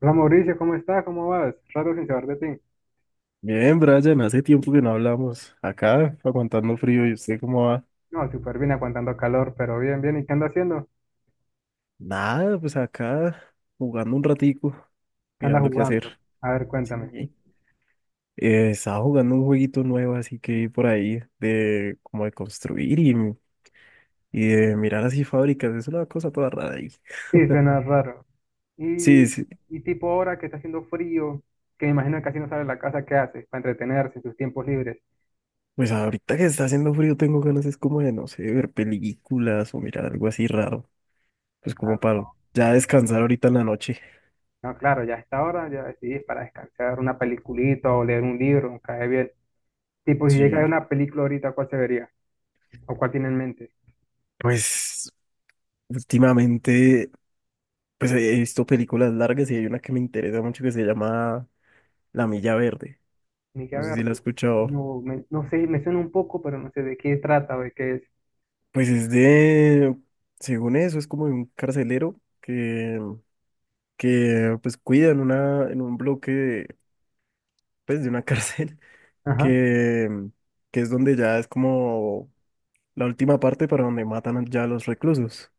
Hola Mauricio, ¿cómo estás? ¿Cómo vas? Rato sin saber de ti. Bien, Brian, hace tiempo que no hablamos. Acá, aguantando frío, ¿y usted cómo va? No, súper bien, aguantando calor, pero bien, bien. ¿Y qué andas haciendo? Nada, pues acá, jugando un ratico, ¿Qué andas mirando qué jugando? hacer. A ver, cuéntame. Sí. Estaba jugando un jueguito nuevo, así que por ahí, de como de construir y, de mirar así fábricas, es una cosa toda rara ahí. Sí, suena raro. Sí, Y, sí, y tipo ahora que está haciendo frío, que me imagino que casi no sale de la casa, ¿qué haces para entretenerse en sus tiempos libres? pues ahorita que está haciendo frío tengo ganas, es como de, no sé, ver películas o mirar algo así raro, pues Ah, como para no. ya descansar ahorita en la noche. No, claro, ya a esta hora ya decidís para descansar una peliculita o leer un libro, cae bien. Tipo, si llega a ver Sí, una película ahorita, ¿cuál se vería? ¿O cuál tiene en mente? pues últimamente. Pues he visto películas largas y hay una que me interesa mucho que se llama La Milla Verde. Ni que No sé si ver, la has pues. escuchado. No, no sé, me suena un poco, pero no sé de qué trata o de qué es. Pues es de, según eso, es como de un carcelero que, pues cuida en un bloque, de, pues de una cárcel, Ajá. que, es donde ya es como la última parte para donde matan ya a los reclusos.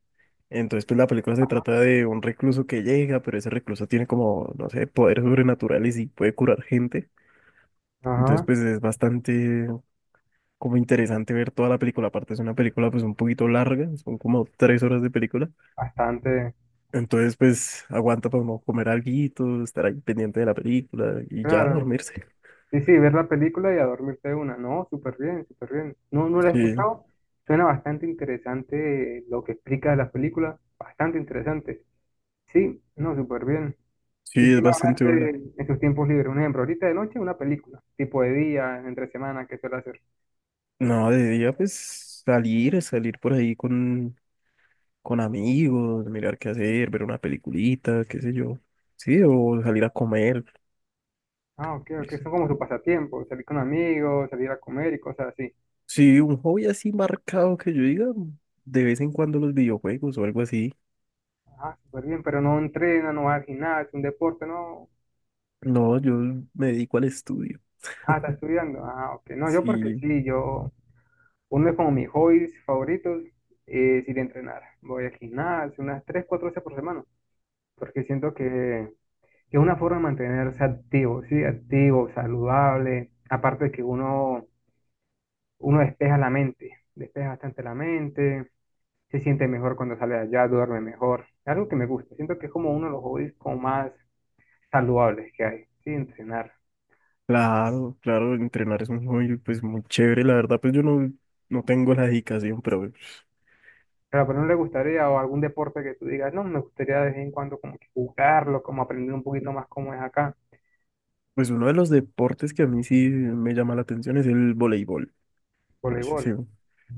Entonces, pues la película se trata de un recluso que llega, pero ese recluso tiene como, no sé, poderes sobrenaturales y puede curar gente. Entonces, Ajá, pues es bastante como interesante ver toda la película. Aparte es una película pues un poquito larga, son como 3 horas de película. bastante. Entonces pues aguanta para uno comer alguito, estar ahí pendiente de la película y ya Claro. dormirse. Sí, sí, ver la película y a dormirte de una. No, súper bien, súper bien. No, no la he Sí, escuchado. Suena bastante interesante lo que explica la película. Bastante interesante. Sí, no, súper bien. ¿Y sí, qué es más bastante hace buena. en sus tiempos libres? Un ejemplo, ahorita de noche una película, tipo de día, entre semana, ¿qué suele hacer? No, de día pues salir, salir por ahí con, amigos, mirar qué hacer, ver una peliculita, qué sé yo. Sí, o salir a comer. Ah, ok, ok, Eso. son como su pasatiempo, salir con amigos, salir a comer y cosas así. Sí, un hobby así marcado que yo diga, de vez en cuando los videojuegos o algo así. Ah, súper bien, pero no entrena, no va al gimnasio, un deporte, no. No, yo me dedico al estudio. Ah, está estudiando. Ah, ok, no, yo porque Sí, sí, yo uno de como mis hobbies favoritos es ir a entrenar. Voy al gimnasio unas 3 4 veces por semana, porque siento que es una forma de mantenerse activo, ¿sí? Activo, saludable. Aparte de que uno despeja la mente, despeja bastante la mente, se siente mejor cuando sale de allá, duerme mejor. Algo que me gusta. Siento que es como uno de los hobbies como más saludables que hay, ¿sí? Entrenar. claro, claro, entrenar es un hobby pues muy chévere, la verdad pues yo no, no tengo la dedicación, pero Pero no le gustaría, o algún deporte que tú digas, no, me gustaría de vez en cuando como que jugarlo, como aprender un poquito más cómo es acá. pues uno de los deportes que a mí sí me llama la atención es el voleibol, parece, Voleibol. sí,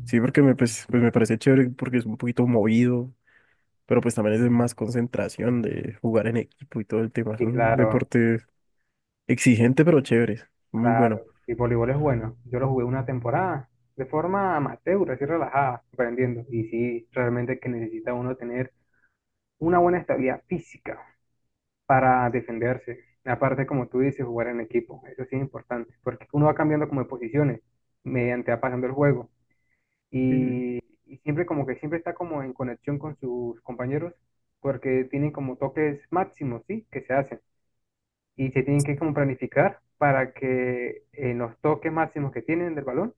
sí, porque me, pues me parece chévere porque es un poquito movido, pero pues también es de más concentración de jugar en equipo y todo el tema, es Y un claro, deporte exigente pero chévere, muy bueno. claro. Y voleibol es bueno. Yo lo jugué una temporada de forma amateur, así relajada, aprendiendo. Y sí, realmente que necesita uno tener una buena estabilidad física para defenderse. Aparte, como tú dices, jugar en equipo. Eso sí es importante, porque uno va cambiando como de posiciones mediante va pasando el juego. Y, Y, y siempre como que siempre está como en conexión con sus compañeros, porque tienen como toques máximos, ¿sí? Que se hacen, y se tienen que como planificar para que en los toques máximos que tienen del balón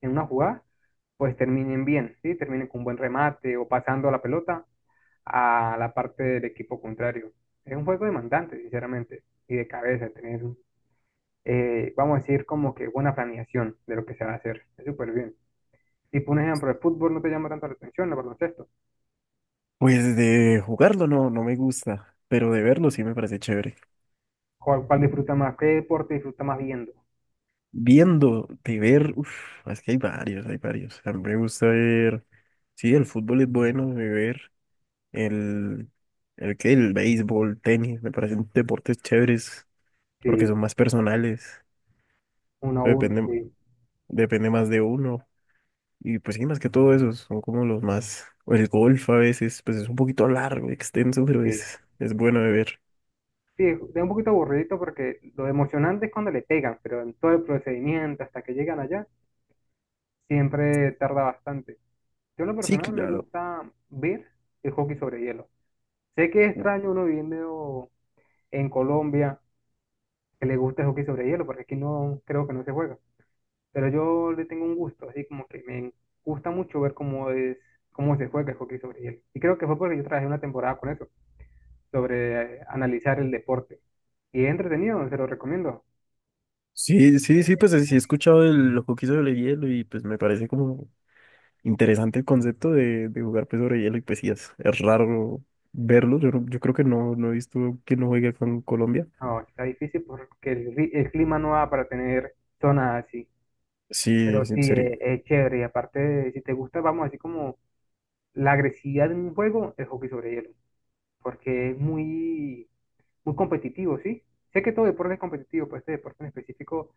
en una jugada, pues terminen bien, ¿sí? Terminen con un buen remate o pasando la pelota a la parte del equipo contrario. Es un juego demandante, sinceramente, y de cabeza, tener, vamos a decir, como que buena planeación de lo que se va a hacer. Es súper bien. Si por ejemplo, el fútbol no te llama tanto la atención, el baloncesto. Pues de jugarlo no, me gusta, pero de verlo sí me parece chévere. Cuál disfruta más? ¿Qué deporte disfruta más viendo? Viendo, de ver, uf, es que hay varios, hay varios. A mí me gusta ver, sí, el fútbol es bueno de ver, el, el béisbol, tenis, me parecen deportes chéveres porque Sí, son más personales, eso uno a uno, depende, sí. depende más de uno. Y pues sí, más que todo esos son como los más, o el golf a veces, pues es un poquito largo, extenso, pero Sí. es, bueno de ver. Sí, es un poquito aburridito porque lo emocionante es cuando le pegan, pero en todo el procedimiento hasta que llegan allá, siempre tarda bastante. Yo en lo Sí, personal me claro. gusta ver el hockey sobre hielo. Sé que es extraño uno viviendo en Colombia que le gusta el hockey sobre hielo, porque aquí no creo que no se juega. Pero yo le tengo un gusto, así como que me gusta mucho ver cómo es, cómo se juega el hockey sobre hielo. Y creo que fue porque yo trabajé una temporada con eso, sobre analizar el deporte. Y es entretenido, se lo recomiendo. Sí, sí, sí, pues sí he escuchado los que hizo de hielo y pues me parece como interesante el concepto de, jugar pues sobre hielo y pues sí, es, raro verlo. Yo creo que no, he visto quién no juegue con Colombia. No, está difícil porque el clima no va para tener zonas así. Pero Sí, sí, sí, sería. Es chévere. Y aparte, si te gusta, vamos, así como la agresividad en un juego, el hockey sobre hielo. Porque es muy competitivo, ¿sí? Sé que todo deporte es competitivo, pero este deporte en específico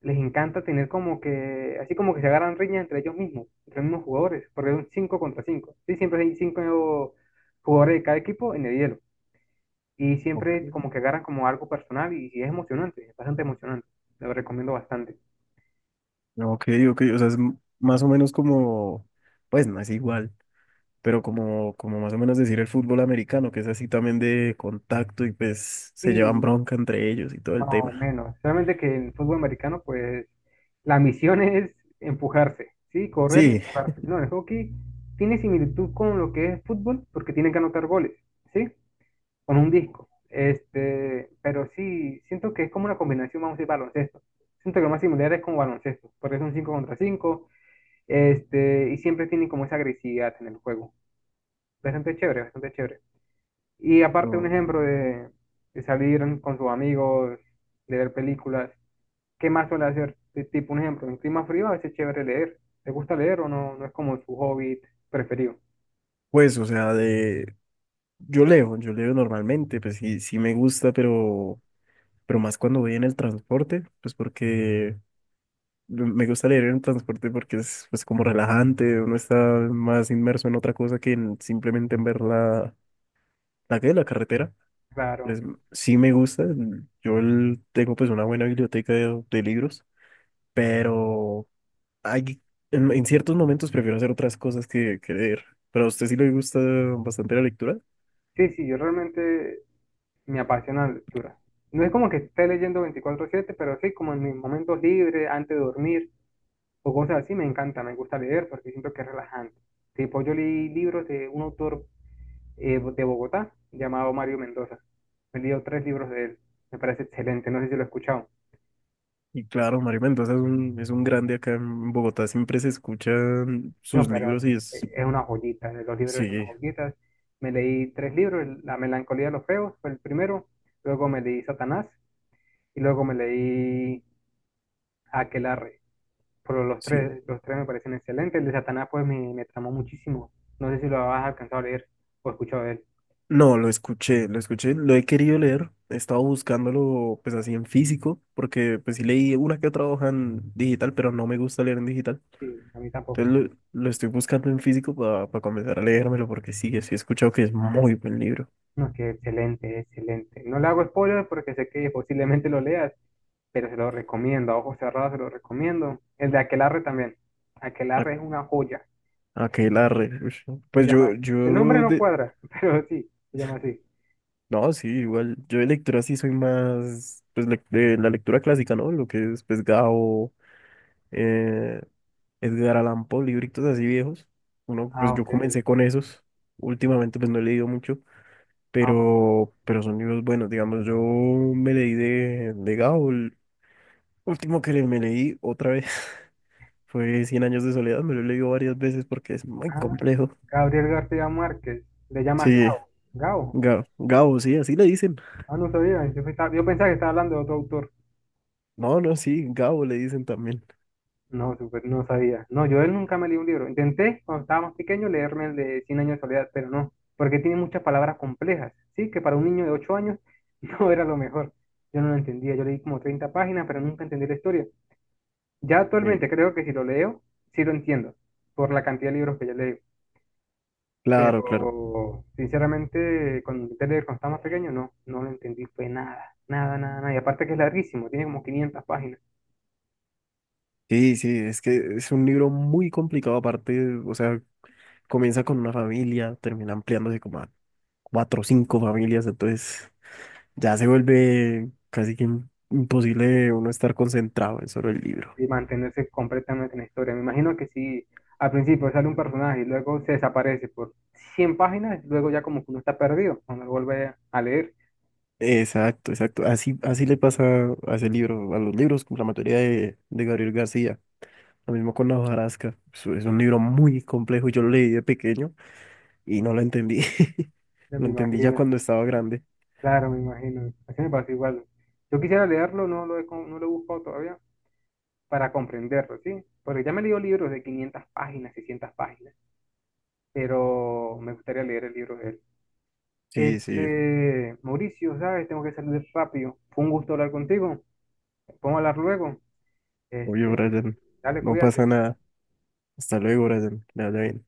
les encanta tener como que, así como que se agarran riñas entre ellos mismos, entre los mismos jugadores, porque es un 5 contra cinco. Sí, siempre hay 5 jugadores de cada equipo en el hielo. Y Ok, siempre como que agarran como algo personal y es emocionante, es bastante emocionante. Lo recomiendo bastante. ok, ok, o sea, es más o menos como, pues no es igual, pero como, más o menos decir el fútbol americano, que es así también de contacto y pues se llevan Sí, bronca entre ellos y todo el más o tema. menos. Solamente que en fútbol americano, pues, la misión es empujarse, ¿sí? Correr y Sí, empujarse. No, el hockey tiene similitud con lo que es fútbol porque tienen que anotar goles, ¿sí? Con un disco. Este, pero sí, siento que es como una combinación, vamos a decir, baloncesto. Siento que lo más similar es con baloncesto, porque es un 5 contra 5 este, y siempre tienen como esa agresividad en el juego. Bastante chévere, bastante chévere. Y aparte un no, ejemplo de salir con sus amigos, de ver películas, ¿qué más suele hacer? Tipo un ejemplo, en clima frío a veces es chévere leer. ¿Te gusta leer o no? No es como su hobby preferido. pues o sea, de, yo leo normalmente, pues sí, sí me gusta, pero más cuando voy en el transporte, pues porque me gusta leer en el transporte porque es pues como relajante, uno está más inmerso en otra cosa que en simplemente en ver la, ¿qué?, la carretera. Claro. Entonces, sí me gusta, yo tengo pues una buena biblioteca de, libros, pero hay, en, ciertos momentos prefiero hacer otras cosas que, leer. Pero a usted sí le gusta bastante la lectura. Sí, sí, yo realmente me apasiona la lectura. No es como que esté leyendo 24/7, pero sí como en mis momentos libres, antes de dormir o cosas así, me encanta, me gusta leer porque siento que es relajante. Tipo, yo leí libros de un autor de Bogotá llamado Mario Mendoza. He leído tres libros de él. Me parece excelente. No sé si lo he escuchado. Y claro, Mario Mendoza es un grande acá en Bogotá, siempre se escuchan No, sus pero libros y es, es una joyita. Los libros son unas sí, joyitas. Me leí tres libros. La melancolía de los feos fue el primero. Luego me leí Satanás. Y luego me leí Aquelarre. Pero Sí. Los tres me parecen excelentes. El de Satanás pues me tramó muchísimo. No sé si lo has alcanzado a leer o escuchado de él. No, lo escuché, lo escuché, lo he querido leer, he estado buscándolo pues así en físico, porque pues sí leí una que otra hoja en digital, pero no me gusta leer en digital. Sí, a mí tampoco. Entonces lo estoy buscando en físico para comenzar a leérmelo, porque sí, sí he escuchado que es muy buen libro. No, es que excelente, excelente. No le hago spoilers porque sé que posiblemente lo leas, pero se lo recomiendo, a ojos cerrados se lo recomiendo. El de Aquelarre también. A- Aquelarre es una joya, Aquelarre. Ush. ¿no? se Pues llama yo, así. El nombre yo no de... cuadra, pero sí, se llama así. No, sí, igual, yo de lectura sí soy más, pues de la lectura clásica, ¿no? Lo que es pues Gabo, eh, Edgar Allan Poe, libritos así viejos. Uno, Ah, pues yo ok. comencé con esos. Últimamente pues no he leído mucho, Ah, ok. pero son libros buenos. Digamos, yo me leí de, Gao. El último que me leí otra vez fue Cien años de soledad. Me lo he leído varias veces porque es muy Ah, complejo. Gabriel García Márquez, le llamas Sí, Gao. Gao. Gao, Gao, sí, así le dicen. Ah, no sabía, yo pensaba que estaba hablando de otro autor. No, no, sí, Gabo le dicen también. No, súper, no sabía. No, yo de él nunca me leí un libro. Intenté, cuando estaba más pequeño, leerme el de Cien años de soledad, pero no, porque tiene muchas palabras complejas, ¿sí? Que para un niño de 8 años no era lo mejor. Yo no lo entendía, yo leí como 30 páginas, pero nunca entendí la historia. Ya Eh, actualmente creo que si lo leo, sí lo entiendo, por la cantidad de libros que ya leo. claro, claro. Pero, sinceramente, cuando intenté leer cuando estaba más pequeño, no, no lo entendí, fue nada, nada, nada, nada. Y aparte que es larguísimo, tiene como 500 páginas. Sí, sí, es que es un libro muy complicado aparte, o sea, comienza con una familia, termina ampliándose como a cuatro o cinco familias, entonces ya se vuelve casi que imposible uno estar concentrado en solo el libro. Y mantenerse completamente en la historia. Me imagino que si al principio sale un personaje y luego se desaparece por 100 páginas, luego ya como que uno está perdido cuando lo vuelve a leer. Exacto, exacto. Así, así le pasa a ese libro, a los libros, como la mayoría de, Gabriel García. Lo mismo con La hojarasca. Es un libro muy complejo. Yo lo leí de pequeño y no lo entendí. Ya Lo me entendí ya imagino, cuando estaba grande. claro, me imagino. Así me pasa igual. Yo quisiera leerlo, no lo he, no lo he buscado todavía para comprenderlo, ¿sí? Porque ya me he leído libros de 500 páginas, 600 páginas, pero me gustaría leer el libro de él. Sí, sí. Este, Mauricio, ¿sabes? Tengo que salir rápido. Fue un gusto hablar contigo. Podemos hablar luego. Obvio, Este, Brian. dale, No pasa cuídate. nada. Hasta luego, Brian. Que le vaya bien.